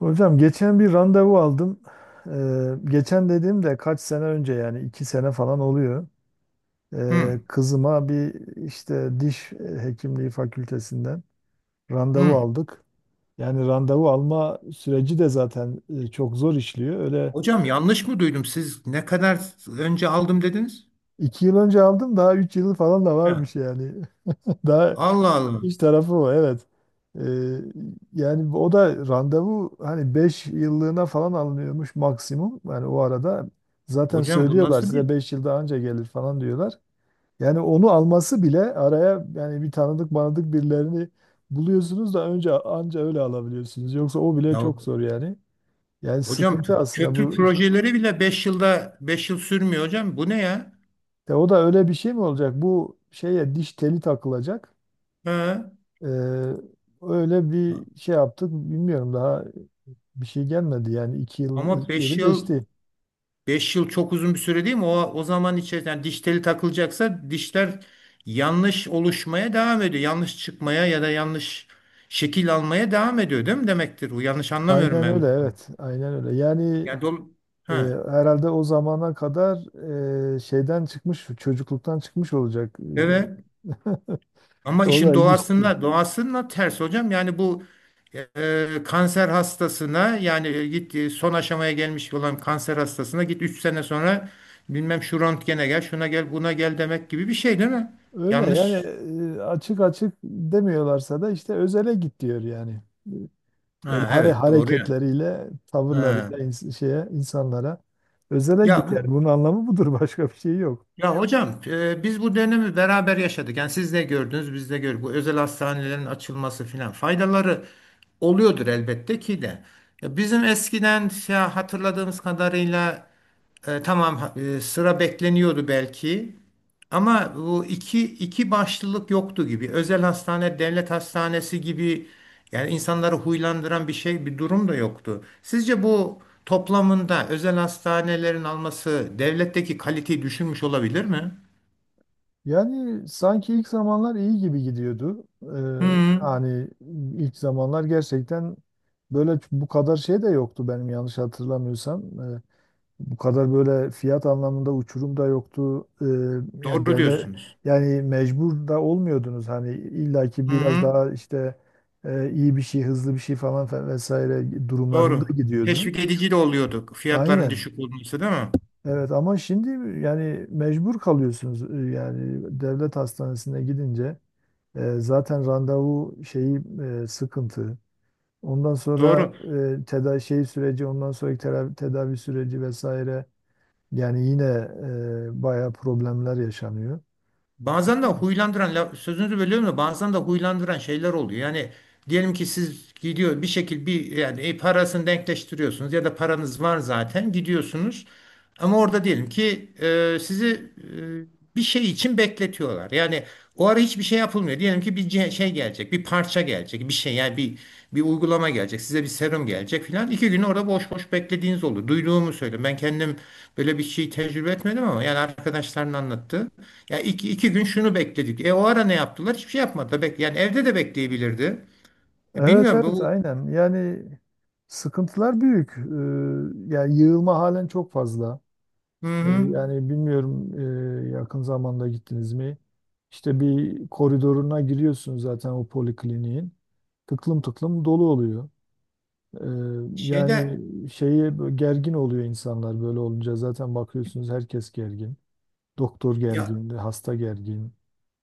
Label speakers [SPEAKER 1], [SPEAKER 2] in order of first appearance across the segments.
[SPEAKER 1] Hocam geçen bir randevu aldım. Geçen dediğimde kaç sene önce yani 2 sene falan oluyor.
[SPEAKER 2] Hı,
[SPEAKER 1] Kızıma bir işte diş hekimliği fakültesinden randevu
[SPEAKER 2] hı.
[SPEAKER 1] aldık. Yani randevu alma süreci de zaten çok zor işliyor. Öyle
[SPEAKER 2] Hocam, yanlış mı duydum? Siz ne kadar önce aldım dediniz?
[SPEAKER 1] 2 yıl önce aldım daha 3 yılı falan da
[SPEAKER 2] Ya.
[SPEAKER 1] varmış yani. Daha
[SPEAKER 2] Allah Allah.
[SPEAKER 1] İş tarafı o evet. Ee, Yani o da randevu hani 5 yıllığına falan alınıyormuş maksimum. Yani o arada zaten
[SPEAKER 2] Hocam bu
[SPEAKER 1] söylüyorlar
[SPEAKER 2] nasıl
[SPEAKER 1] size
[SPEAKER 2] bir
[SPEAKER 1] 5 yıl daha önce gelir falan diyorlar. Yani onu alması bile araya yani bir tanıdık manadık birilerini buluyorsunuz da önce anca öyle alabiliyorsunuz. Yoksa o bile
[SPEAKER 2] Ya
[SPEAKER 1] çok zor yani. Yani
[SPEAKER 2] hocam,
[SPEAKER 1] sıkıntı aslında
[SPEAKER 2] köprü
[SPEAKER 1] bu.
[SPEAKER 2] projeleri bile 5 yılda 5 yıl sürmüyor hocam. Bu ne ya?
[SPEAKER 1] De o da öyle bir şey mi olacak? Bu şeye diş teli takılacak.
[SPEAKER 2] Ha.
[SPEAKER 1] Ee, Öyle bir şey yaptık bilmiyorum daha bir şey gelmedi yani
[SPEAKER 2] Ama
[SPEAKER 1] 2 yılı
[SPEAKER 2] 5 yıl
[SPEAKER 1] geçti.
[SPEAKER 2] beş yıl çok uzun bir süre değil mi? O zaman içerisinde yani diş teli takılacaksa dişler yanlış oluşmaya devam ediyor. Yanlış çıkmaya ya da yanlış şekil almaya devam ediyor değil mi demektir? Bu yanlış anlamıyorum
[SPEAKER 1] Aynen
[SPEAKER 2] ben.
[SPEAKER 1] öyle evet. Aynen öyle. Yani
[SPEAKER 2] Yani dolu-
[SPEAKER 1] e,
[SPEAKER 2] ha.
[SPEAKER 1] herhalde o zamana kadar şeyden çıkmış, çocukluktan çıkmış olacak.
[SPEAKER 2] Evet. Ama
[SPEAKER 1] O
[SPEAKER 2] işin
[SPEAKER 1] da ilginç bir şey.
[SPEAKER 2] doğasına ters hocam. Yani bu, kanser hastasına, yani son aşamaya gelmiş olan kanser hastasına git, 3 sene sonra bilmem şu röntgene gel, şuna gel, buna gel demek gibi bir şey değil mi?
[SPEAKER 1] Öyle yani
[SPEAKER 2] Yanlış.
[SPEAKER 1] açık açık demiyorlarsa da işte özele git diyor yani. Öyle
[SPEAKER 2] Ha, evet, doğru ya.
[SPEAKER 1] hareketleriyle,
[SPEAKER 2] Ha.
[SPEAKER 1] tavırlarıyla şeye insanlara özele
[SPEAKER 2] Ya
[SPEAKER 1] git yani.
[SPEAKER 2] bu
[SPEAKER 1] Bunun anlamı budur. Başka bir şey yok.
[SPEAKER 2] Ya hocam, biz bu dönemi beraber yaşadık. Yani siz de gördünüz, biz de gördük. Bu özel hastanelerin açılması filan, faydaları oluyordur elbette ki de. Ya, bizim eskiden şey, hatırladığımız kadarıyla. Tamam, sıra bekleniyordu belki, ama bu iki başlılık yoktu gibi. Özel hastane, devlet hastanesi gibi, yani insanları huylandıran bir şey, bir durum da yoktu. Sizce bu toplamında özel hastanelerin alması devletteki kaliteyi düşürmüş olabilir mi?
[SPEAKER 1] Yani sanki ilk zamanlar iyi gibi gidiyordu.
[SPEAKER 2] Hı,
[SPEAKER 1] Hani ilk zamanlar gerçekten böyle bu kadar şey de yoktu benim yanlış hatırlamıyorsam. Ee, Bu kadar böyle fiyat anlamında uçurum da yoktu. Yani
[SPEAKER 2] doğru
[SPEAKER 1] devlet
[SPEAKER 2] diyorsunuz.
[SPEAKER 1] yani mecbur da olmuyordunuz. Hani illaki
[SPEAKER 2] Hı
[SPEAKER 1] biraz
[SPEAKER 2] hı,
[SPEAKER 1] daha işte iyi bir şey, hızlı bir şey falan vesaire durumlarında
[SPEAKER 2] doğru.
[SPEAKER 1] gidiyordunuz.
[SPEAKER 2] Teşvik edici de oluyordu fiyatların
[SPEAKER 1] Aynen.
[SPEAKER 2] düşük olması, değil mi?
[SPEAKER 1] Evet ama şimdi yani mecbur kalıyorsunuz. Yani devlet hastanesine gidince. Zaten randevu şeyi sıkıntı. Ondan sonra
[SPEAKER 2] Doğru.
[SPEAKER 1] tedavi şey süreci, ondan sonraki tedavi süreci vesaire. Yani yine bayağı problemler yaşanıyor.
[SPEAKER 2] Bazen de huylandıran sözünüzü bölüyorum da, bazen de huylandıran şeyler oluyor. Yani diyelim ki siz gidiyor bir şekilde bir, yani parasını denkleştiriyorsunuz ya da paranız var zaten, gidiyorsunuz. Ama orada diyelim ki sizi bir şey için bekletiyorlar. Yani o ara hiçbir şey yapılmıyor. Diyelim ki bir şey gelecek, bir parça gelecek, bir şey, yani bir uygulama gelecek, size bir serum gelecek filan. 2 gün orada boş boş beklediğiniz oldu. Duyduğumu söyle. Ben kendim böyle bir şey tecrübe etmedim, ama yani arkadaşların anlattı. Ya, 2 gün şunu bekledik. E, o ara ne yaptılar? Hiçbir şey yapmadı. Yani evde de bekleyebilirdi. Ya,
[SPEAKER 1] Evet,
[SPEAKER 2] bilmiyorum
[SPEAKER 1] evet,
[SPEAKER 2] bu.
[SPEAKER 1] aynen. Yani sıkıntılar büyük. Yani yığılma halen çok fazla.
[SPEAKER 2] Hı hı.
[SPEAKER 1] Yani bilmiyorum yakın zamanda gittiniz mi? İşte bir koridoruna giriyorsun zaten o polikliniğin. Tıklım tıklım dolu oluyor. Ee, Yani
[SPEAKER 2] Şeyde,
[SPEAKER 1] şeye gergin oluyor insanlar böyle olunca zaten bakıyorsunuz herkes gergin. Doktor
[SPEAKER 2] ya.
[SPEAKER 1] gergin, hasta gergin.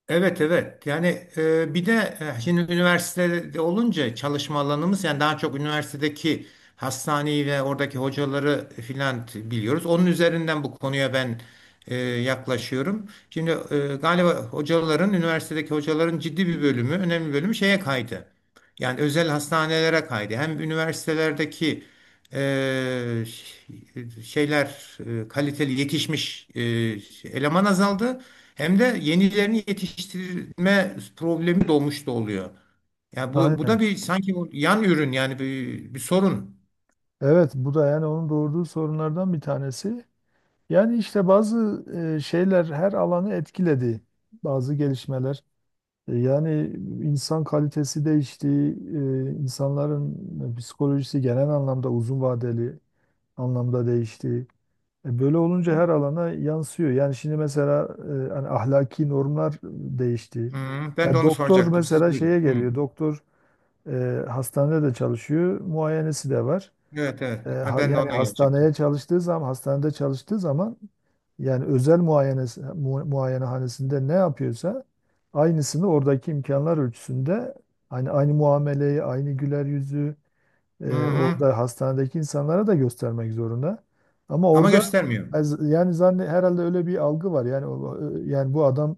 [SPEAKER 2] Evet, evet, yani, bir de, şimdi üniversitede olunca çalışma alanımız yani daha çok üniversitedeki hastaneyi ve oradaki hocaları filan biliyoruz. Onun üzerinden bu konuya ben yaklaşıyorum. Şimdi, galiba üniversitedeki hocaların ciddi bir bölümü, önemli bir bölümü şeye kaydı. Yani özel hastanelere kaydı. Hem üniversitelerdeki şeyler, kaliteli yetişmiş eleman azaldı. Hem de yenilerini yetiştirme problemi doğmuş da oluyor. Ya, bu da
[SPEAKER 1] Aynen.
[SPEAKER 2] bir, sanki bu yan ürün, yani bir sorun.
[SPEAKER 1] Evet bu da yani onun doğurduğu sorunlardan bir tanesi. Yani işte bazı şeyler her alanı etkiledi. Bazı gelişmeler. Yani insan kalitesi değişti. İnsanların psikolojisi genel anlamda uzun vadeli anlamda değişti. Böyle olunca her alana yansıyor. Yani şimdi mesela hani ahlaki normlar değişti.
[SPEAKER 2] Hı, ben de
[SPEAKER 1] Ya
[SPEAKER 2] onu
[SPEAKER 1] doktor
[SPEAKER 2] soracaktım. Siz
[SPEAKER 1] mesela şeye
[SPEAKER 2] buyurun. Hı.
[SPEAKER 1] geliyor. Doktor hastanede de çalışıyor, muayenesi de var.
[SPEAKER 2] Evet, evet. Ha, ben de
[SPEAKER 1] Yani
[SPEAKER 2] ona
[SPEAKER 1] hastaneye
[SPEAKER 2] gelecektim.
[SPEAKER 1] çalıştığı zaman, hastanede çalıştığı zaman yani özel muayenesi, muayenehanesinde ne yapıyorsa aynısını oradaki imkanlar ölçüsünde aynı muameleyi, aynı güler yüzü
[SPEAKER 2] Hı hı.
[SPEAKER 1] orada hastanedeki insanlara da göstermek zorunda. Ama
[SPEAKER 2] Ama
[SPEAKER 1] orada
[SPEAKER 2] göstermiyor.
[SPEAKER 1] yani herhalde öyle bir algı var. Yani yani bu adam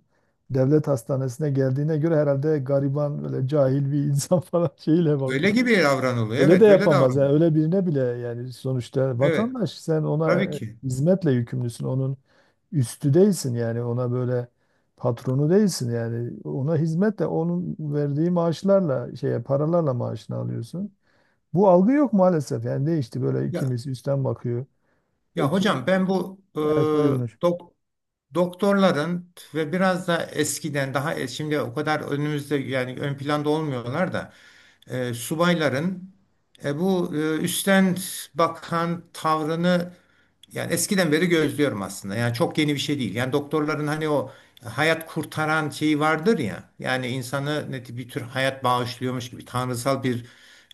[SPEAKER 1] devlet hastanesine geldiğine göre herhalde gariban böyle cahil bir insan falan şeyle
[SPEAKER 2] Öyle
[SPEAKER 1] bakıyor.
[SPEAKER 2] gibi davranılıyor.
[SPEAKER 1] Öyle de
[SPEAKER 2] Evet, öyle
[SPEAKER 1] yapamaz. Yani
[SPEAKER 2] davranılıyor.
[SPEAKER 1] öyle birine bile yani sonuçta
[SPEAKER 2] Evet,
[SPEAKER 1] vatandaş sen ona
[SPEAKER 2] tabii ki.
[SPEAKER 1] hizmetle yükümlüsün. Onun üstü değilsin yani ona böyle patronu değilsin yani ona hizmetle onun verdiği maaşlarla şeye paralarla maaşını alıyorsun. Bu algı yok maalesef. Yani değişti böyle
[SPEAKER 2] Ya
[SPEAKER 1] ikimiz üstten bakıyor.
[SPEAKER 2] Ya
[SPEAKER 1] Ekim,
[SPEAKER 2] hocam, ben bu,
[SPEAKER 1] evet buyurmuş.
[SPEAKER 2] dok- doktorların ve biraz da eskiden daha şimdi o kadar önümüzde, yani ön planda olmuyorlar da, subayların, bu, üstten bakan tavrını yani eskiden beri gözlüyorum aslında. Yani çok yeni bir şey değil. Yani doktorların hani o hayat kurtaran şeyi vardır ya. Yani insanı neti, bir tür hayat bağışlıyormuş gibi, tanrısal bir,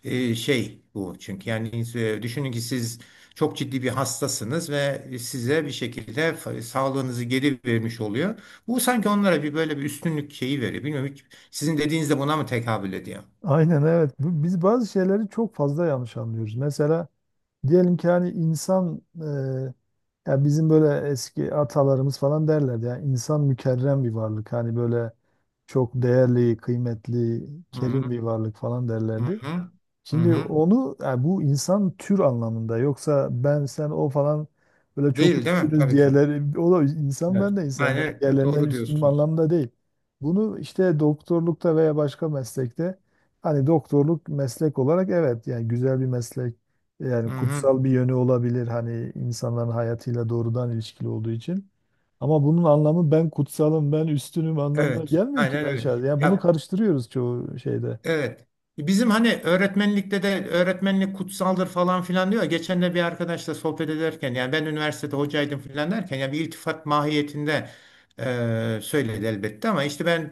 [SPEAKER 2] şey bu, çünkü yani düşünün ki siz çok ciddi bir hastasınız ve size bir şekilde sağlığınızı geri vermiş oluyor. Bu sanki onlara bir, böyle bir üstünlük şeyi veriyor. Bilmiyorum, hiç sizin dediğiniz de buna mı tekabül ediyor?
[SPEAKER 1] Aynen evet. Biz bazı şeyleri çok fazla yanlış anlıyoruz. Mesela diyelim ki hani insan ya bizim böyle eski atalarımız falan derlerdi. Yani insan mükerrem bir varlık. Hani böyle çok değerli, kıymetli,
[SPEAKER 2] Hı
[SPEAKER 1] kerim
[SPEAKER 2] hı,
[SPEAKER 1] bir varlık falan
[SPEAKER 2] hı
[SPEAKER 1] derlerdi.
[SPEAKER 2] hı. Hı
[SPEAKER 1] Şimdi
[SPEAKER 2] hı.
[SPEAKER 1] onu yani bu insan tür anlamında yoksa ben sen o falan böyle çok
[SPEAKER 2] Değil, değil mi?
[SPEAKER 1] üstünüz
[SPEAKER 2] Tabii ki.
[SPEAKER 1] diğerleri o da insan
[SPEAKER 2] Evet.
[SPEAKER 1] ben de insan ben
[SPEAKER 2] Aynen öyle.
[SPEAKER 1] diğerlerinden
[SPEAKER 2] Doğru
[SPEAKER 1] üstünüm
[SPEAKER 2] diyorsunuz.
[SPEAKER 1] anlamda değil. Bunu işte doktorlukta veya başka meslekte hani doktorluk meslek olarak evet yani güzel bir meslek yani
[SPEAKER 2] Hı hı.
[SPEAKER 1] kutsal bir yönü olabilir hani insanların hayatıyla doğrudan ilişkili olduğu için. Ama bunun anlamı ben kutsalım ben üstünüm anlamına
[SPEAKER 2] Evet.
[SPEAKER 1] gelmiyor ki
[SPEAKER 2] Aynen
[SPEAKER 1] ben
[SPEAKER 2] öyle.
[SPEAKER 1] şahsen. Yani bunu
[SPEAKER 2] Ya.
[SPEAKER 1] karıştırıyoruz çoğu şeyde.
[SPEAKER 2] Evet. Bizim hani öğretmenlikte de öğretmenlik kutsaldır falan filan diyor. Geçen de bir arkadaşla sohbet ederken, yani ben üniversitede hocaydım filan derken, yani bir iltifat mahiyetinde söyledi elbette, ama işte ben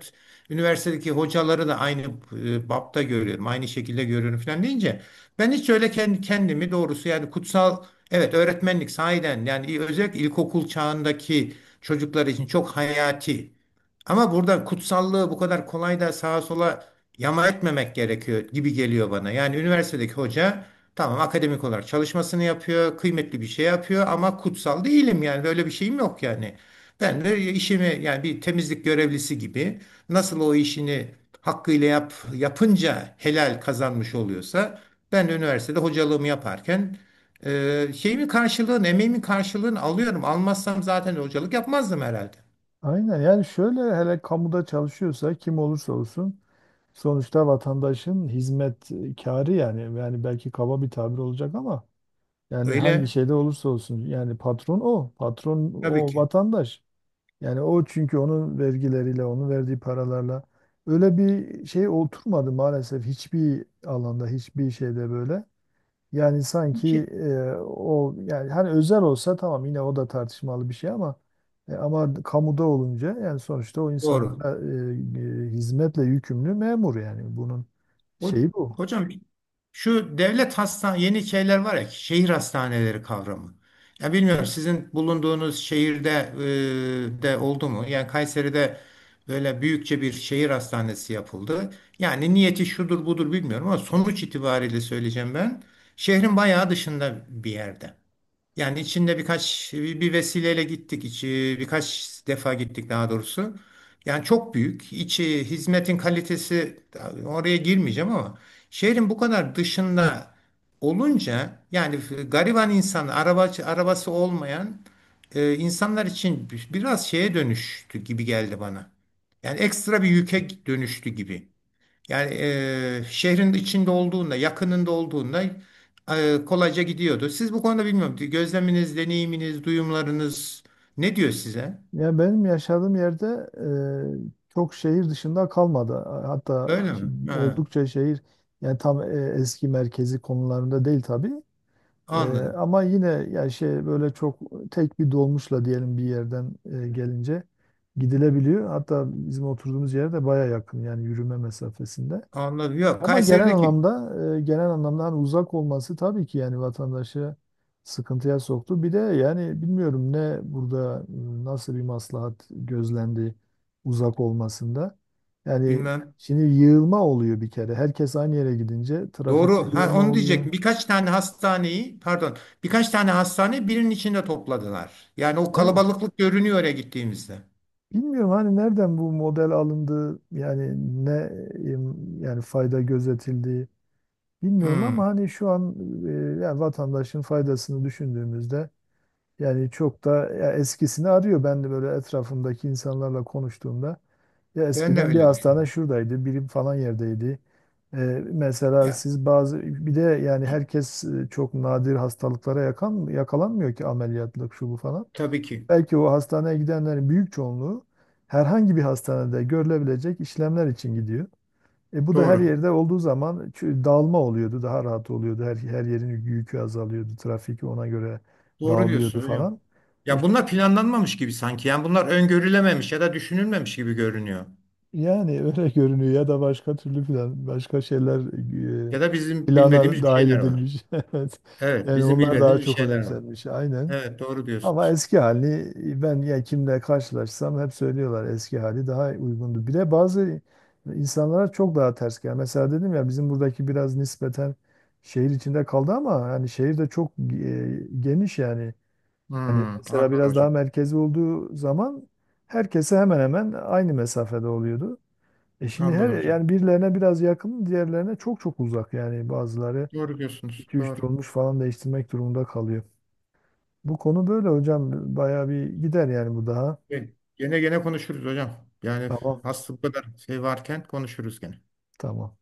[SPEAKER 2] üniversitedeki hocaları da aynı bapta görüyorum. Aynı şekilde görüyorum filan deyince, ben hiç öyle kendimi doğrusu yani kutsal, evet, öğretmenlik sahiden, yani özellikle ilkokul çağındaki çocuklar için çok hayati. Ama burada kutsallığı bu kadar kolay da sağa sola yama etmemek gerekiyor gibi geliyor bana. Yani üniversitedeki hoca, tamam, akademik olarak çalışmasını yapıyor, kıymetli bir şey yapıyor, ama kutsal değilim, yani böyle bir şeyim yok yani. Ben de işimi, yani bir temizlik görevlisi gibi nasıl o işini hakkıyla yapınca helal kazanmış oluyorsa, ben de üniversitede hocalığımı yaparken şeyimin karşılığını, emeğimin karşılığını alıyorum. Almazsam zaten hocalık yapmazdım herhalde.
[SPEAKER 1] Aynen yani şöyle hele kamuda çalışıyorsa kim olursa olsun sonuçta vatandaşın hizmet yani belki kaba bir tabir olacak ama yani hangi
[SPEAKER 2] Öyle,
[SPEAKER 1] şeyde olursa olsun yani patron o patron
[SPEAKER 2] tabii
[SPEAKER 1] o
[SPEAKER 2] ki.
[SPEAKER 1] vatandaş yani o çünkü onun vergileriyle onun verdiği paralarla öyle bir şey oturmadı maalesef hiçbir alanda hiçbir şeyde böyle. Yani
[SPEAKER 2] Bir
[SPEAKER 1] sanki
[SPEAKER 2] şey-
[SPEAKER 1] o yani hani özel olsa tamam yine o da tartışmalı bir şey ama ama kamuda olunca yani sonuçta o
[SPEAKER 2] Doğru.
[SPEAKER 1] insanlara hizmetle yükümlü memur yani bunun
[SPEAKER 2] O,
[SPEAKER 1] şeyi bu.
[SPEAKER 2] hocam, şu devlet hastane, yeni şeyler var ya, şehir hastaneleri kavramı. Ya, bilmiyorum sizin bulunduğunuz şehirde de oldu mu? Yani Kayseri'de böyle büyükçe bir şehir hastanesi yapıldı. Yani niyeti şudur budur bilmiyorum, ama sonuç itibariyle söyleyeceğim ben. Şehrin bayağı dışında bir yerde. Yani içinde birkaç bir vesileyle gittik, içi birkaç defa gittik daha doğrusu. Yani çok büyük. İçi, hizmetin kalitesi, oraya girmeyeceğim ama, şehrin bu kadar dışında olunca, yani gariban insan, arabası olmayan insanlar için biraz şeye dönüştü gibi geldi bana. Yani ekstra bir yüke dönüştü gibi. Yani şehrin içinde olduğunda, yakınında olduğunda kolayca gidiyordu. Siz bu konuda bilmiyorum. Gözleminiz, deneyiminiz, duyumlarınız ne diyor size?
[SPEAKER 1] Ya benim yaşadığım yerde çok şehir dışında kalmadı. Hatta
[SPEAKER 2] Öyle mi? Ha,
[SPEAKER 1] oldukça şehir yani tam eski merkezi konularında değil tabii. Ee,
[SPEAKER 2] anladım.
[SPEAKER 1] Ama yine ya şey böyle çok tek bir dolmuşla diyelim bir yerden gelince gidilebiliyor. Hatta bizim oturduğumuz yere de baya yakın yani yürüme mesafesinde.
[SPEAKER 2] Anladım. Yok,
[SPEAKER 1] Ama genel
[SPEAKER 2] Kayseri'deki
[SPEAKER 1] anlamda genel anlamda hani uzak olması tabii ki yani vatandaşı sıkıntıya soktu. Bir de yani bilmiyorum ne burada nasıl bir maslahat gözlendi uzak olmasında. Yani
[SPEAKER 2] bilmem.
[SPEAKER 1] şimdi yığılma oluyor bir kere. Herkes aynı yere gidince trafikte
[SPEAKER 2] Doğru. Ha,
[SPEAKER 1] yığılma
[SPEAKER 2] onu
[SPEAKER 1] oluyor.
[SPEAKER 2] diyecektim. Birkaç tane hastaneyi, pardon, birkaç tane hastane birinin içinde topladılar. Yani o
[SPEAKER 1] Evet.
[SPEAKER 2] kalabalıklık görünüyor oraya gittiğimizde.
[SPEAKER 1] Bilmiyorum hani nereden bu model alındı yani ne em, yani fayda gözetildi bilmiyorum
[SPEAKER 2] Hmm,
[SPEAKER 1] ama hani şu an e, yani vatandaşın faydasını düşündüğümüzde yani çok da ya eskisini arıyor. Ben de böyle etrafımdaki insanlarla konuştuğumda ya
[SPEAKER 2] ben de
[SPEAKER 1] eskiden bir
[SPEAKER 2] öyle
[SPEAKER 1] hastane
[SPEAKER 2] düşünüyorum.
[SPEAKER 1] şuradaydı, biri falan yerdeydi. E, Mesela
[SPEAKER 2] Ya,
[SPEAKER 1] siz bazı bir de yani herkes çok nadir hastalıklara yakalanmıyor ki ameliyatlık şu bu falan.
[SPEAKER 2] tabii ki.
[SPEAKER 1] Belki o hastaneye gidenlerin büyük çoğunluğu herhangi bir hastanede görülebilecek işlemler için gidiyor. E bu da her
[SPEAKER 2] Doğru.
[SPEAKER 1] yerde olduğu zaman dağılma oluyordu, daha rahat oluyordu. Her yerin yükü azalıyordu, trafik ona göre
[SPEAKER 2] Doğru
[SPEAKER 1] dağılıyordu
[SPEAKER 2] diyorsunuz hocam.
[SPEAKER 1] falan. E,
[SPEAKER 2] Ya, bunlar planlanmamış gibi sanki. Yani bunlar öngörülememiş ya da düşünülmemiş gibi görünüyor.
[SPEAKER 1] Yani öyle görünüyor ya da başka şeyler e,
[SPEAKER 2] Ya da bizim
[SPEAKER 1] plana
[SPEAKER 2] bilmediğimiz bir
[SPEAKER 1] dahil
[SPEAKER 2] şeyler var.
[SPEAKER 1] edilmiş. Evet.
[SPEAKER 2] Evet,
[SPEAKER 1] Yani
[SPEAKER 2] bizim
[SPEAKER 1] onlar daha
[SPEAKER 2] bilmediğimiz bir
[SPEAKER 1] çok
[SPEAKER 2] şeyler var.
[SPEAKER 1] önemsenmiş. Aynen.
[SPEAKER 2] Evet, doğru
[SPEAKER 1] Ama
[SPEAKER 2] diyorsunuz.
[SPEAKER 1] eski hali ben ya kimle karşılaşsam hep söylüyorlar eski hali daha uygundu. Bir de bazı insanlara çok daha ters geliyor. Mesela dedim ya bizim buradaki biraz nispeten şehir içinde kaldı ama yani şehir de çok geniş yani. Hani
[SPEAKER 2] Hmm,
[SPEAKER 1] mesela
[SPEAKER 2] anladım
[SPEAKER 1] biraz daha
[SPEAKER 2] hocam.
[SPEAKER 1] merkezi olduğu zaman herkese hemen hemen aynı mesafede oluyordu. E şimdi her
[SPEAKER 2] Anladım hocam.
[SPEAKER 1] yani birilerine biraz yakın, diğerlerine çok çok uzak yani bazıları
[SPEAKER 2] Doğru diyorsunuz.
[SPEAKER 1] iki üç
[SPEAKER 2] Doğru.
[SPEAKER 1] dolmuş falan değiştirmek durumunda kalıyor. Bu konu böyle hocam. Bayağı bir gider yani bu daha.
[SPEAKER 2] Peki, gene konuşuruz hocam. Yani
[SPEAKER 1] Tamam.
[SPEAKER 2] hasta bu kadar şey varken konuşuruz gene.
[SPEAKER 1] Tamam.